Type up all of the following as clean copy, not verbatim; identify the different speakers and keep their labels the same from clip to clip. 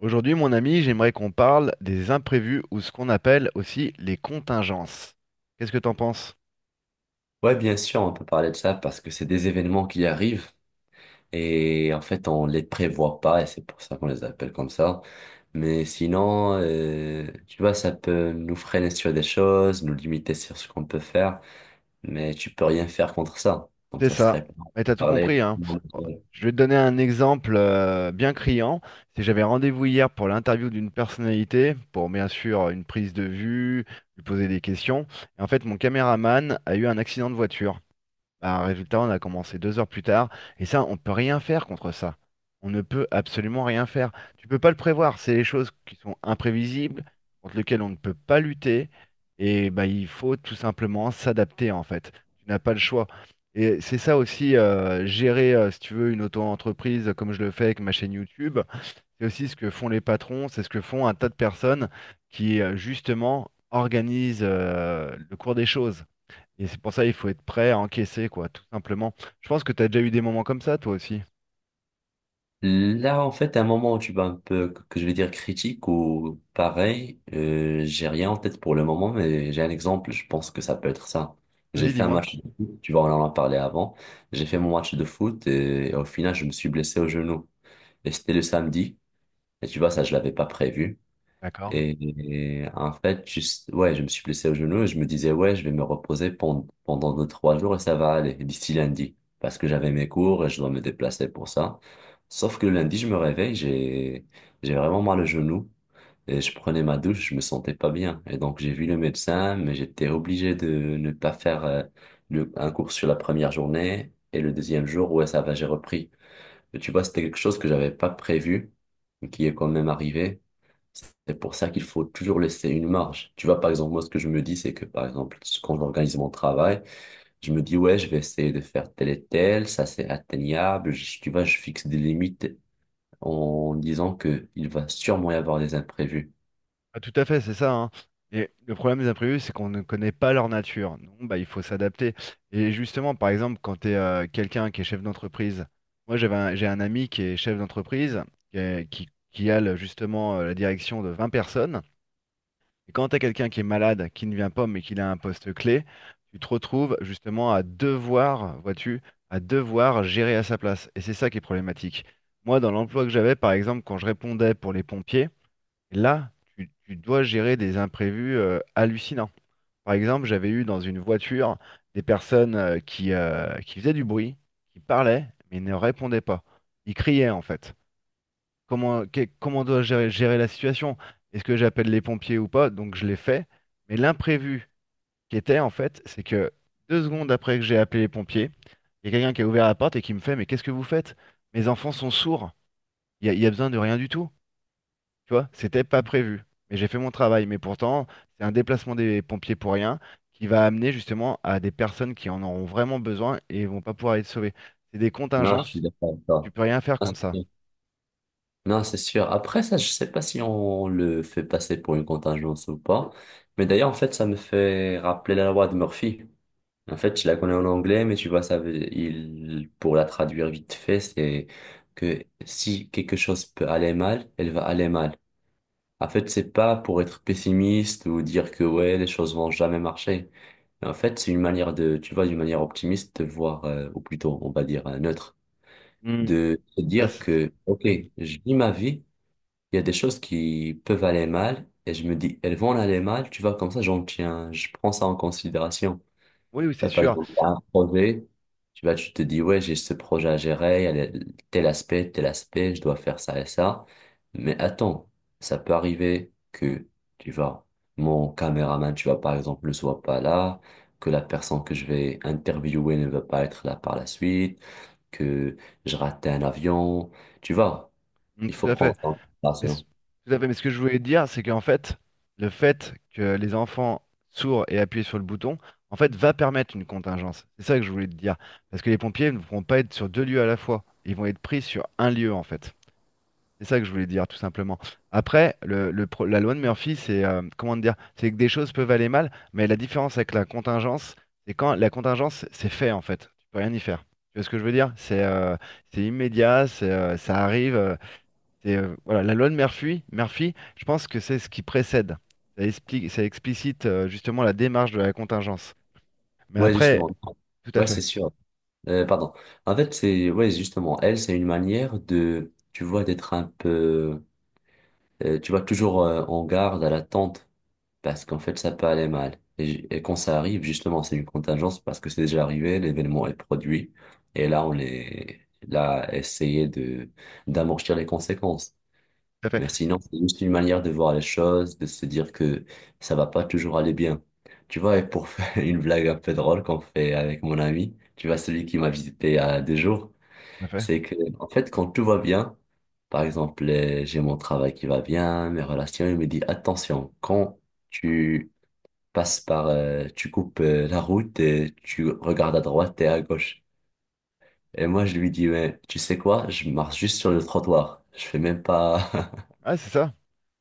Speaker 1: Aujourd'hui, mon ami, j'aimerais qu'on parle des imprévus ou ce qu'on appelle aussi les contingences. Qu'est-ce que t'en penses?
Speaker 2: Ouais, bien sûr, on peut parler de ça parce que c'est des événements qui arrivent et en fait on les prévoit pas et c'est pour ça qu'on les appelle comme ça. Mais sinon, tu vois, ça peut nous freiner sur des choses, nous limiter sur ce qu'on peut faire, mais tu peux rien faire contre ça. Donc
Speaker 1: C'est
Speaker 2: ça
Speaker 1: ça.
Speaker 2: serait pas
Speaker 1: Mais t'as tout
Speaker 2: parler.
Speaker 1: compris, hein. Bon, je vais te donner un exemple bien criant. Si j'avais rendez-vous hier pour l'interview d'une personnalité, pour bien sûr une prise de vue, lui poser des questions. Et en fait, mon caméraman a eu un accident de voiture. Bah, résultat, on a commencé 2 heures plus tard, et ça, on peut rien faire contre ça. On ne peut absolument rien faire. Tu peux pas le prévoir. C'est les choses qui sont imprévisibles, contre lesquelles on ne peut pas lutter, et bah, il faut tout simplement s'adapter en fait. Tu n'as pas le choix. Et c'est ça aussi, gérer, si tu veux, une auto-entreprise comme je le fais avec ma chaîne YouTube. C'est aussi ce que font les patrons, c'est ce que font un tas de personnes qui, justement, organisent, le cours des choses. Et c'est pour ça il faut être prêt à encaisser, quoi, tout simplement. Je pense que tu as déjà eu des moments comme ça, toi aussi.
Speaker 2: Là, en fait, à un moment où tu vas un peu, que je vais dire critique ou pareil, j'ai rien en tête pour le moment, mais j'ai un exemple, je pense que ça peut être ça. J'ai
Speaker 1: Vas-y,
Speaker 2: fait un
Speaker 1: dis-moi.
Speaker 2: match de foot, tu vois, on en a parlé avant. J'ai fait mon match de foot et, au final, je me suis blessé au genou. Et c'était le samedi. Et tu vois, ça, je l'avais pas prévu.
Speaker 1: D'accord.
Speaker 2: Et en fait, juste, ouais, je me suis blessé au genou et je me disais, ouais, je vais me reposer pendant 2, 3 jours et ça va aller d'ici lundi. Parce que j'avais mes cours et je dois me déplacer pour ça. Sauf que le lundi, je me réveille, j'ai vraiment mal au genou. Et je prenais ma douche, je me sentais pas bien. Et donc, j'ai vu le médecin, mais j'étais obligé de ne pas faire un cours sur la première journée. Et le deuxième jour, ouais, ça va, j'ai repris. Et tu vois, c'était quelque chose que j'avais pas prévu, mais qui est quand même arrivé. C'est pour ça qu'il faut toujours laisser une marge. Tu vois, par exemple, moi, ce que je me dis, c'est que, par exemple, quand j'organise mon travail, je me dis, ouais, je vais essayer de faire tel et tel, ça c'est atteignable. Tu vois, je fixe des limites en disant que il va sûrement y avoir des imprévus.
Speaker 1: Ah, tout à fait, c'est ça, hein. Et le problème des imprévus, c'est qu'on ne connaît pas leur nature. Donc, bah, il faut s'adapter. Et justement, par exemple, quand tu es quelqu'un qui est chef d'entreprise, moi j'ai un ami qui est chef d'entreprise, qui a justement la direction de 20 personnes. Et quand tu as quelqu'un qui est malade, qui ne vient pas, mais qu'il a un poste clé, tu te retrouves justement à devoir, vois-tu, à devoir gérer à sa place. Et c'est ça qui est problématique. Moi, dans l'emploi que j'avais, par exemple, quand je répondais pour les pompiers, là, tu dois gérer des imprévus hallucinants. Par exemple, j'avais eu dans une voiture des personnes qui faisaient du bruit, qui parlaient, mais ne répondaient pas. Ils criaient, en fait comment, comment dois-je gérer la situation? Est-ce que j'appelle les pompiers ou pas? Donc je l'ai fait. Mais l'imprévu qui était en fait, c'est que 2 secondes après que j'ai appelé les pompiers, il y a quelqu'un qui a ouvert la porte et qui me fait, mais qu'est-ce que vous faites? Mes enfants sont sourds. Il y a besoin de rien du tout. Tu vois, c'était pas prévu. Mais j'ai fait mon travail. Mais pourtant, c'est un déplacement des pompiers pour rien qui va amener justement à des personnes qui en auront vraiment besoin et vont pas pouvoir être sauvées. C'est des
Speaker 2: Non, je suis
Speaker 1: contingences,
Speaker 2: d'accord avec
Speaker 1: tu
Speaker 2: toi.
Speaker 1: peux rien faire
Speaker 2: Ah, c'est
Speaker 1: contre ça.
Speaker 2: sûr. Non, c'est sûr. Après, ça, je sais pas si on le fait passer pour une contingence ou pas. Mais d'ailleurs, en fait, ça me fait rappeler la loi de Murphy. En fait, je la connais en anglais, mais tu vois, ça veut, il, pour la traduire vite fait, c'est que si quelque chose peut aller mal, elle va aller mal. En fait, c'est pas pour être pessimiste ou dire que ouais, les choses vont jamais marcher. Mais en fait, c'est une manière de, tu vois, d'une manière optimiste de voir, ou plutôt, on va dire, neutre,
Speaker 1: Hmm.
Speaker 2: de se
Speaker 1: Ça,
Speaker 2: dire
Speaker 1: c'est-
Speaker 2: que, ok,
Speaker 1: oui,
Speaker 2: je vis ma vie, il y a des choses qui peuvent aller mal, et je me dis, elles vont aller mal, tu vois, comme ça, j'en tiens, je prends ça en considération.
Speaker 1: oui,
Speaker 2: Tu
Speaker 1: c'est
Speaker 2: vas par
Speaker 1: sûr.
Speaker 2: exemple t'as un projet, tu vas, tu te dis, ouais, j'ai ce projet à gérer, il y a tel aspect, je dois faire ça et ça. Mais attends, ça peut arriver que, tu vois, mon caméraman, tu vois, par exemple, ne soit pas là, que la personne que je vais interviewer ne va pas être là par la suite, que je rate un avion, tu vois,
Speaker 1: Mm,
Speaker 2: il
Speaker 1: tout
Speaker 2: faut
Speaker 1: à
Speaker 2: prendre
Speaker 1: fait.
Speaker 2: ça en
Speaker 1: Mais, ce-
Speaker 2: considération.
Speaker 1: tout à fait. Mais ce que je voulais dire, c'est qu'en fait, le fait que les enfants sourds aient appuyé sur le bouton, en fait, va permettre une contingence. C'est ça que je voulais te dire. Parce que les pompiers ne pourront pas être sur 2 lieux à la fois. Ils vont être pris sur un lieu, en fait. C'est ça que je voulais dire, tout simplement. Après, la loi de Murphy, c'est comment te dire, c'est que des choses peuvent aller mal, mais la différence avec la contingence, c'est quand la contingence, c'est fait, en fait. Tu peux rien y faire. Tu vois ce que je veux dire? C'est immédiat, ça arrive. C'est voilà, la loi de Murphy, je pense que c'est ce qui précède. Ça explicite justement la démarche de la contingence. Mais
Speaker 2: Ouais,
Speaker 1: après,
Speaker 2: justement.
Speaker 1: tout à
Speaker 2: Ouais,
Speaker 1: fait,
Speaker 2: c'est sûr. Pardon. En fait, c'est ouais, justement, elle, c'est une manière de, tu vois, d'être un peu, tu vois, toujours en garde, à l'attente, parce qu'en fait, ça peut aller mal. Et, et quand ça arrive, justement, c'est une contingence parce que c'est déjà arrivé, l'événement est produit, et là, on est là, à essayer de d'amortir les conséquences.
Speaker 1: tout à fait,
Speaker 2: Mais sinon, c'est juste une manière de voir les choses, de se dire que ça va pas toujours aller bien. Tu vois, et pour faire une blague un peu drôle qu'on fait avec mon ami, tu vois, celui qui m'a visité il y a 2 jours.
Speaker 1: tout à fait.
Speaker 2: C'est que, en fait, quand tout va bien, par exemple, j'ai mon travail qui va bien, mes relations, il me dit, attention, quand tu passes par, tu coupes la route et tu regardes à droite et à gauche. Et moi, je lui dis, mais tu sais quoi, je marche juste sur le trottoir. Je fais même pas.
Speaker 1: Ah, c'est ça.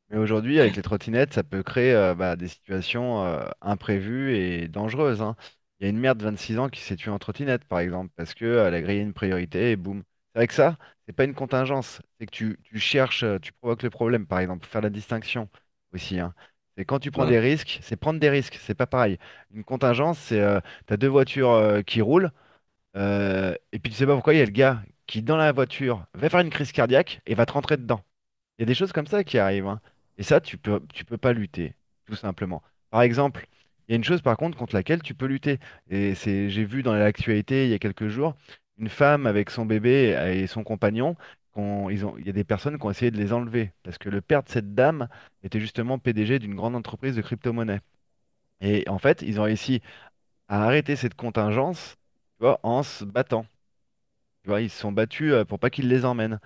Speaker 1: Mais aujourd'hui, avec les trottinettes, ça peut créer bah, des situations imprévues et dangereuses, hein. Il y a une mère de 26 ans qui s'est tuée en trottinette, par exemple, parce qu'elle a grillé une priorité et boum. C'est vrai que ça, c'est pas une contingence. C'est que tu cherches, tu provoques le problème, par exemple, faut faire la distinction aussi, hein. C'est quand tu prends
Speaker 2: Ouais.
Speaker 1: des risques, c'est prendre des risques, c'est pas pareil. Une contingence, c'est t'as 2 voitures qui roulent, et puis tu sais pas pourquoi il y a le gars qui, dans la voiture, va faire une crise cardiaque et va te rentrer dedans. Il y a des choses comme ça qui arrivent, hein. Et ça, tu peux pas lutter, tout simplement. Par exemple, il y a une chose par contre contre laquelle tu peux lutter. Et c'est, j'ai vu dans l'actualité il y a quelques jours, une femme avec son bébé et son compagnon, il y a des personnes qui ont essayé de les enlever parce que le père de cette dame était justement PDG d'une grande entreprise de crypto-monnaie. Et en fait, ils ont réussi à arrêter cette contingence, tu vois, en se battant. Tu vois, ils se sont battus pour pas qu'ils les emmènent.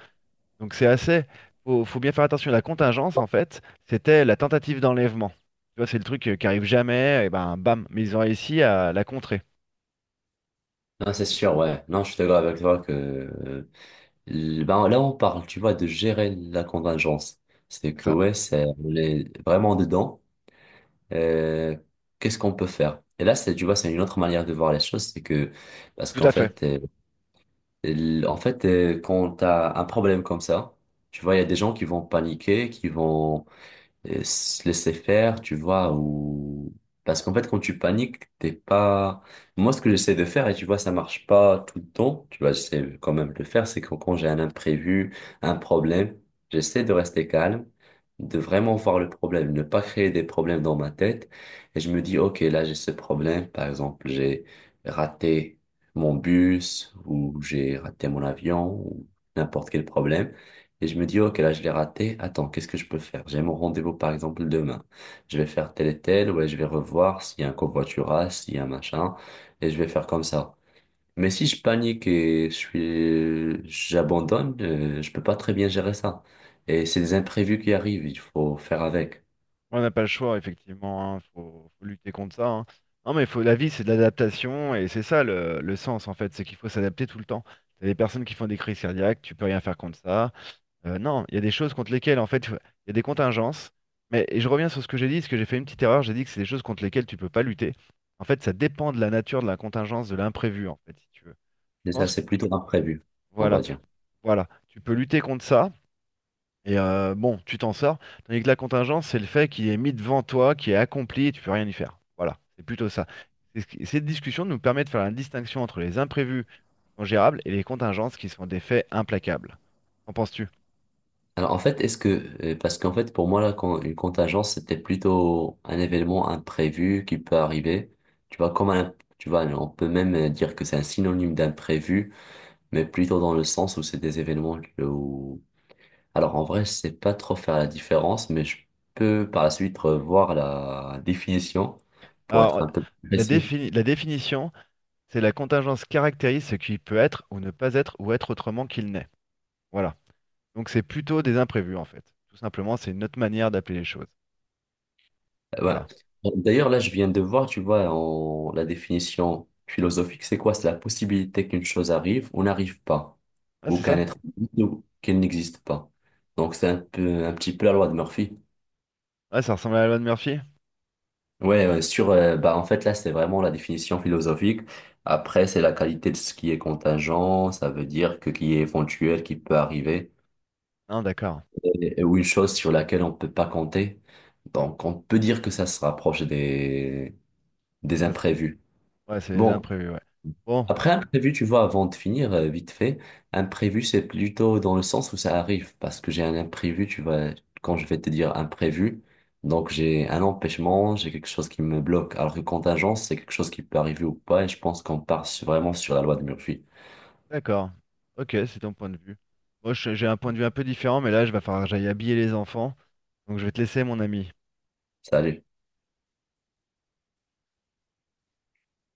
Speaker 1: Donc c'est assez. Faut bien faire attention. La contingence, en fait, c'était la tentative d'enlèvement. Tu vois, c'est le truc qui arrive jamais, et ben bam. Mais ils ont réussi à la contrer.
Speaker 2: Non, c'est sûr, ouais. Non, je suis d'accord avec toi que, ben, là, on parle, tu vois, de gérer la contingence. C'est
Speaker 1: C'est
Speaker 2: que,
Speaker 1: ça.
Speaker 2: ouais, c'est, on est vraiment dedans. euh, Qu'est-ce qu'on peut faire? Et là, c'est, tu vois, c'est une autre manière de voir les choses, c'est que, parce
Speaker 1: Tout
Speaker 2: qu'en
Speaker 1: à fait.
Speaker 2: fait, en fait, quand t'as un problème comme ça, tu vois, il y a des gens qui vont paniquer, qui vont et se laisser faire, tu vois, ou parce qu'en fait quand tu paniques, t'es pas moi ce que j'essaie de faire et tu vois ça marche pas tout le temps, tu vois, j'essaie quand même de le faire, c'est que quand j'ai un imprévu, un problème, j'essaie de rester calme, de vraiment voir le problème, ne pas créer des problèmes dans ma tête et je me dis OK, là j'ai ce problème, par exemple, j'ai raté mon bus ou j'ai raté mon avion ou n'importe quel problème. Et je me dis, ok, là, je l'ai raté. Attends, qu'est-ce que je peux faire? J'ai mon rendez-vous, par exemple, demain. Je vais faire tel et tel, ouais, je vais revoir s'il y a un covoiturage, s'il y a un machin, et je vais faire comme ça. Mais si je panique et je suis, j'abandonne, je peux pas très bien gérer ça. Et c'est des imprévus qui arrivent, il faut faire avec.
Speaker 1: On n'a pas le choix, effectivement. Hein. Faut lutter contre ça. Hein. Non, mais faut, la vie, c'est de l'adaptation, et c'est ça le sens, en fait. C'est qu'il faut s'adapter tout le temps. T'as des personnes qui font des crises cardiaques, tu peux rien faire contre ça. Non, il y a des choses contre lesquelles, en fait, il y a des contingences. Mais et je reviens sur ce que j'ai dit, parce que j'ai fait une petite erreur. J'ai dit que c'est des choses contre lesquelles tu peux pas lutter. En fait, ça dépend de la nature de la contingence, de l'imprévu, en fait, si tu veux. Je
Speaker 2: Et ça,
Speaker 1: pense,
Speaker 2: c'est plutôt imprévu, on va
Speaker 1: voilà,
Speaker 2: dire.
Speaker 1: voilà. Tu peux lutter contre ça, et bon, tu t'en sors. Tandis que la contingence, c'est le fait qu'il est mis devant toi, qui est accompli, et tu peux rien y faire. Voilà, c'est plutôt ça. Cette discussion nous permet de faire la distinction entre les imprévus qui sont gérables et les contingences qui sont des faits implacables. Qu'en penses-tu?
Speaker 2: Alors en fait, est-ce que parce qu'en fait pour moi là, quand, une contingence c'était plutôt un événement imprévu qui peut arriver. Tu vois comme un, tu vois on peut même dire que c'est un synonyme d'imprévu, mais plutôt dans le sens où c'est des événements où alors en vrai je sais pas trop faire la différence, mais je peux par la suite revoir la définition pour être
Speaker 1: Alors,
Speaker 2: un peu plus précis.
Speaker 1: la définition, c'est la contingence caractérise ce qui peut être ou ne pas être ou être autrement qu'il n'est. Voilà. Donc c'est plutôt des imprévus en fait. Tout simplement, c'est une autre manière d'appeler les choses.
Speaker 2: Ouais.
Speaker 1: Voilà.
Speaker 2: Bon, d'ailleurs, là, je viens de voir, tu vois, la définition philosophique, c'est quoi? C'est la possibilité qu'une chose arrive ou n'arrive pas,
Speaker 1: Ah,
Speaker 2: ou
Speaker 1: c'est
Speaker 2: qu'un
Speaker 1: ça?
Speaker 2: être existe ou qu'elle n'existe pas. Donc, c'est un peu, un petit peu la loi de Murphy.
Speaker 1: Ouais, ça ressemble à la loi de Murphy?
Speaker 2: Ouais, ouais, sur, bah, en fait, là, c'est vraiment la définition philosophique. Après, c'est la qualité de ce qui est contingent, ça veut dire que qui est éventuel, qui peut arriver,
Speaker 1: Non, d'accord.
Speaker 2: ou une chose sur laquelle on ne peut pas compter. Donc, on peut dire que ça se rapproche des
Speaker 1: Ça,
Speaker 2: imprévus.
Speaker 1: ouais, c'est les
Speaker 2: Bon.
Speaker 1: imprévus, ouais. Bon,
Speaker 2: Après, imprévu, tu vois, avant de finir, vite fait, imprévu, c'est plutôt dans le sens où ça arrive, parce que j'ai un imprévu, tu vois, quand je vais te dire imprévu, donc j'ai un empêchement, j'ai quelque chose qui me bloque, alors que contingence, c'est quelque chose qui peut arriver ou pas, et je pense qu'on part vraiment sur la loi de Murphy.
Speaker 1: d'accord. Ok, c'est ton point de vue. Moi, j'ai un point de vue un peu différent, mais là, je vais falloir que j'aille habiller les enfants. Donc je vais te laisser, mon ami.
Speaker 2: Salut.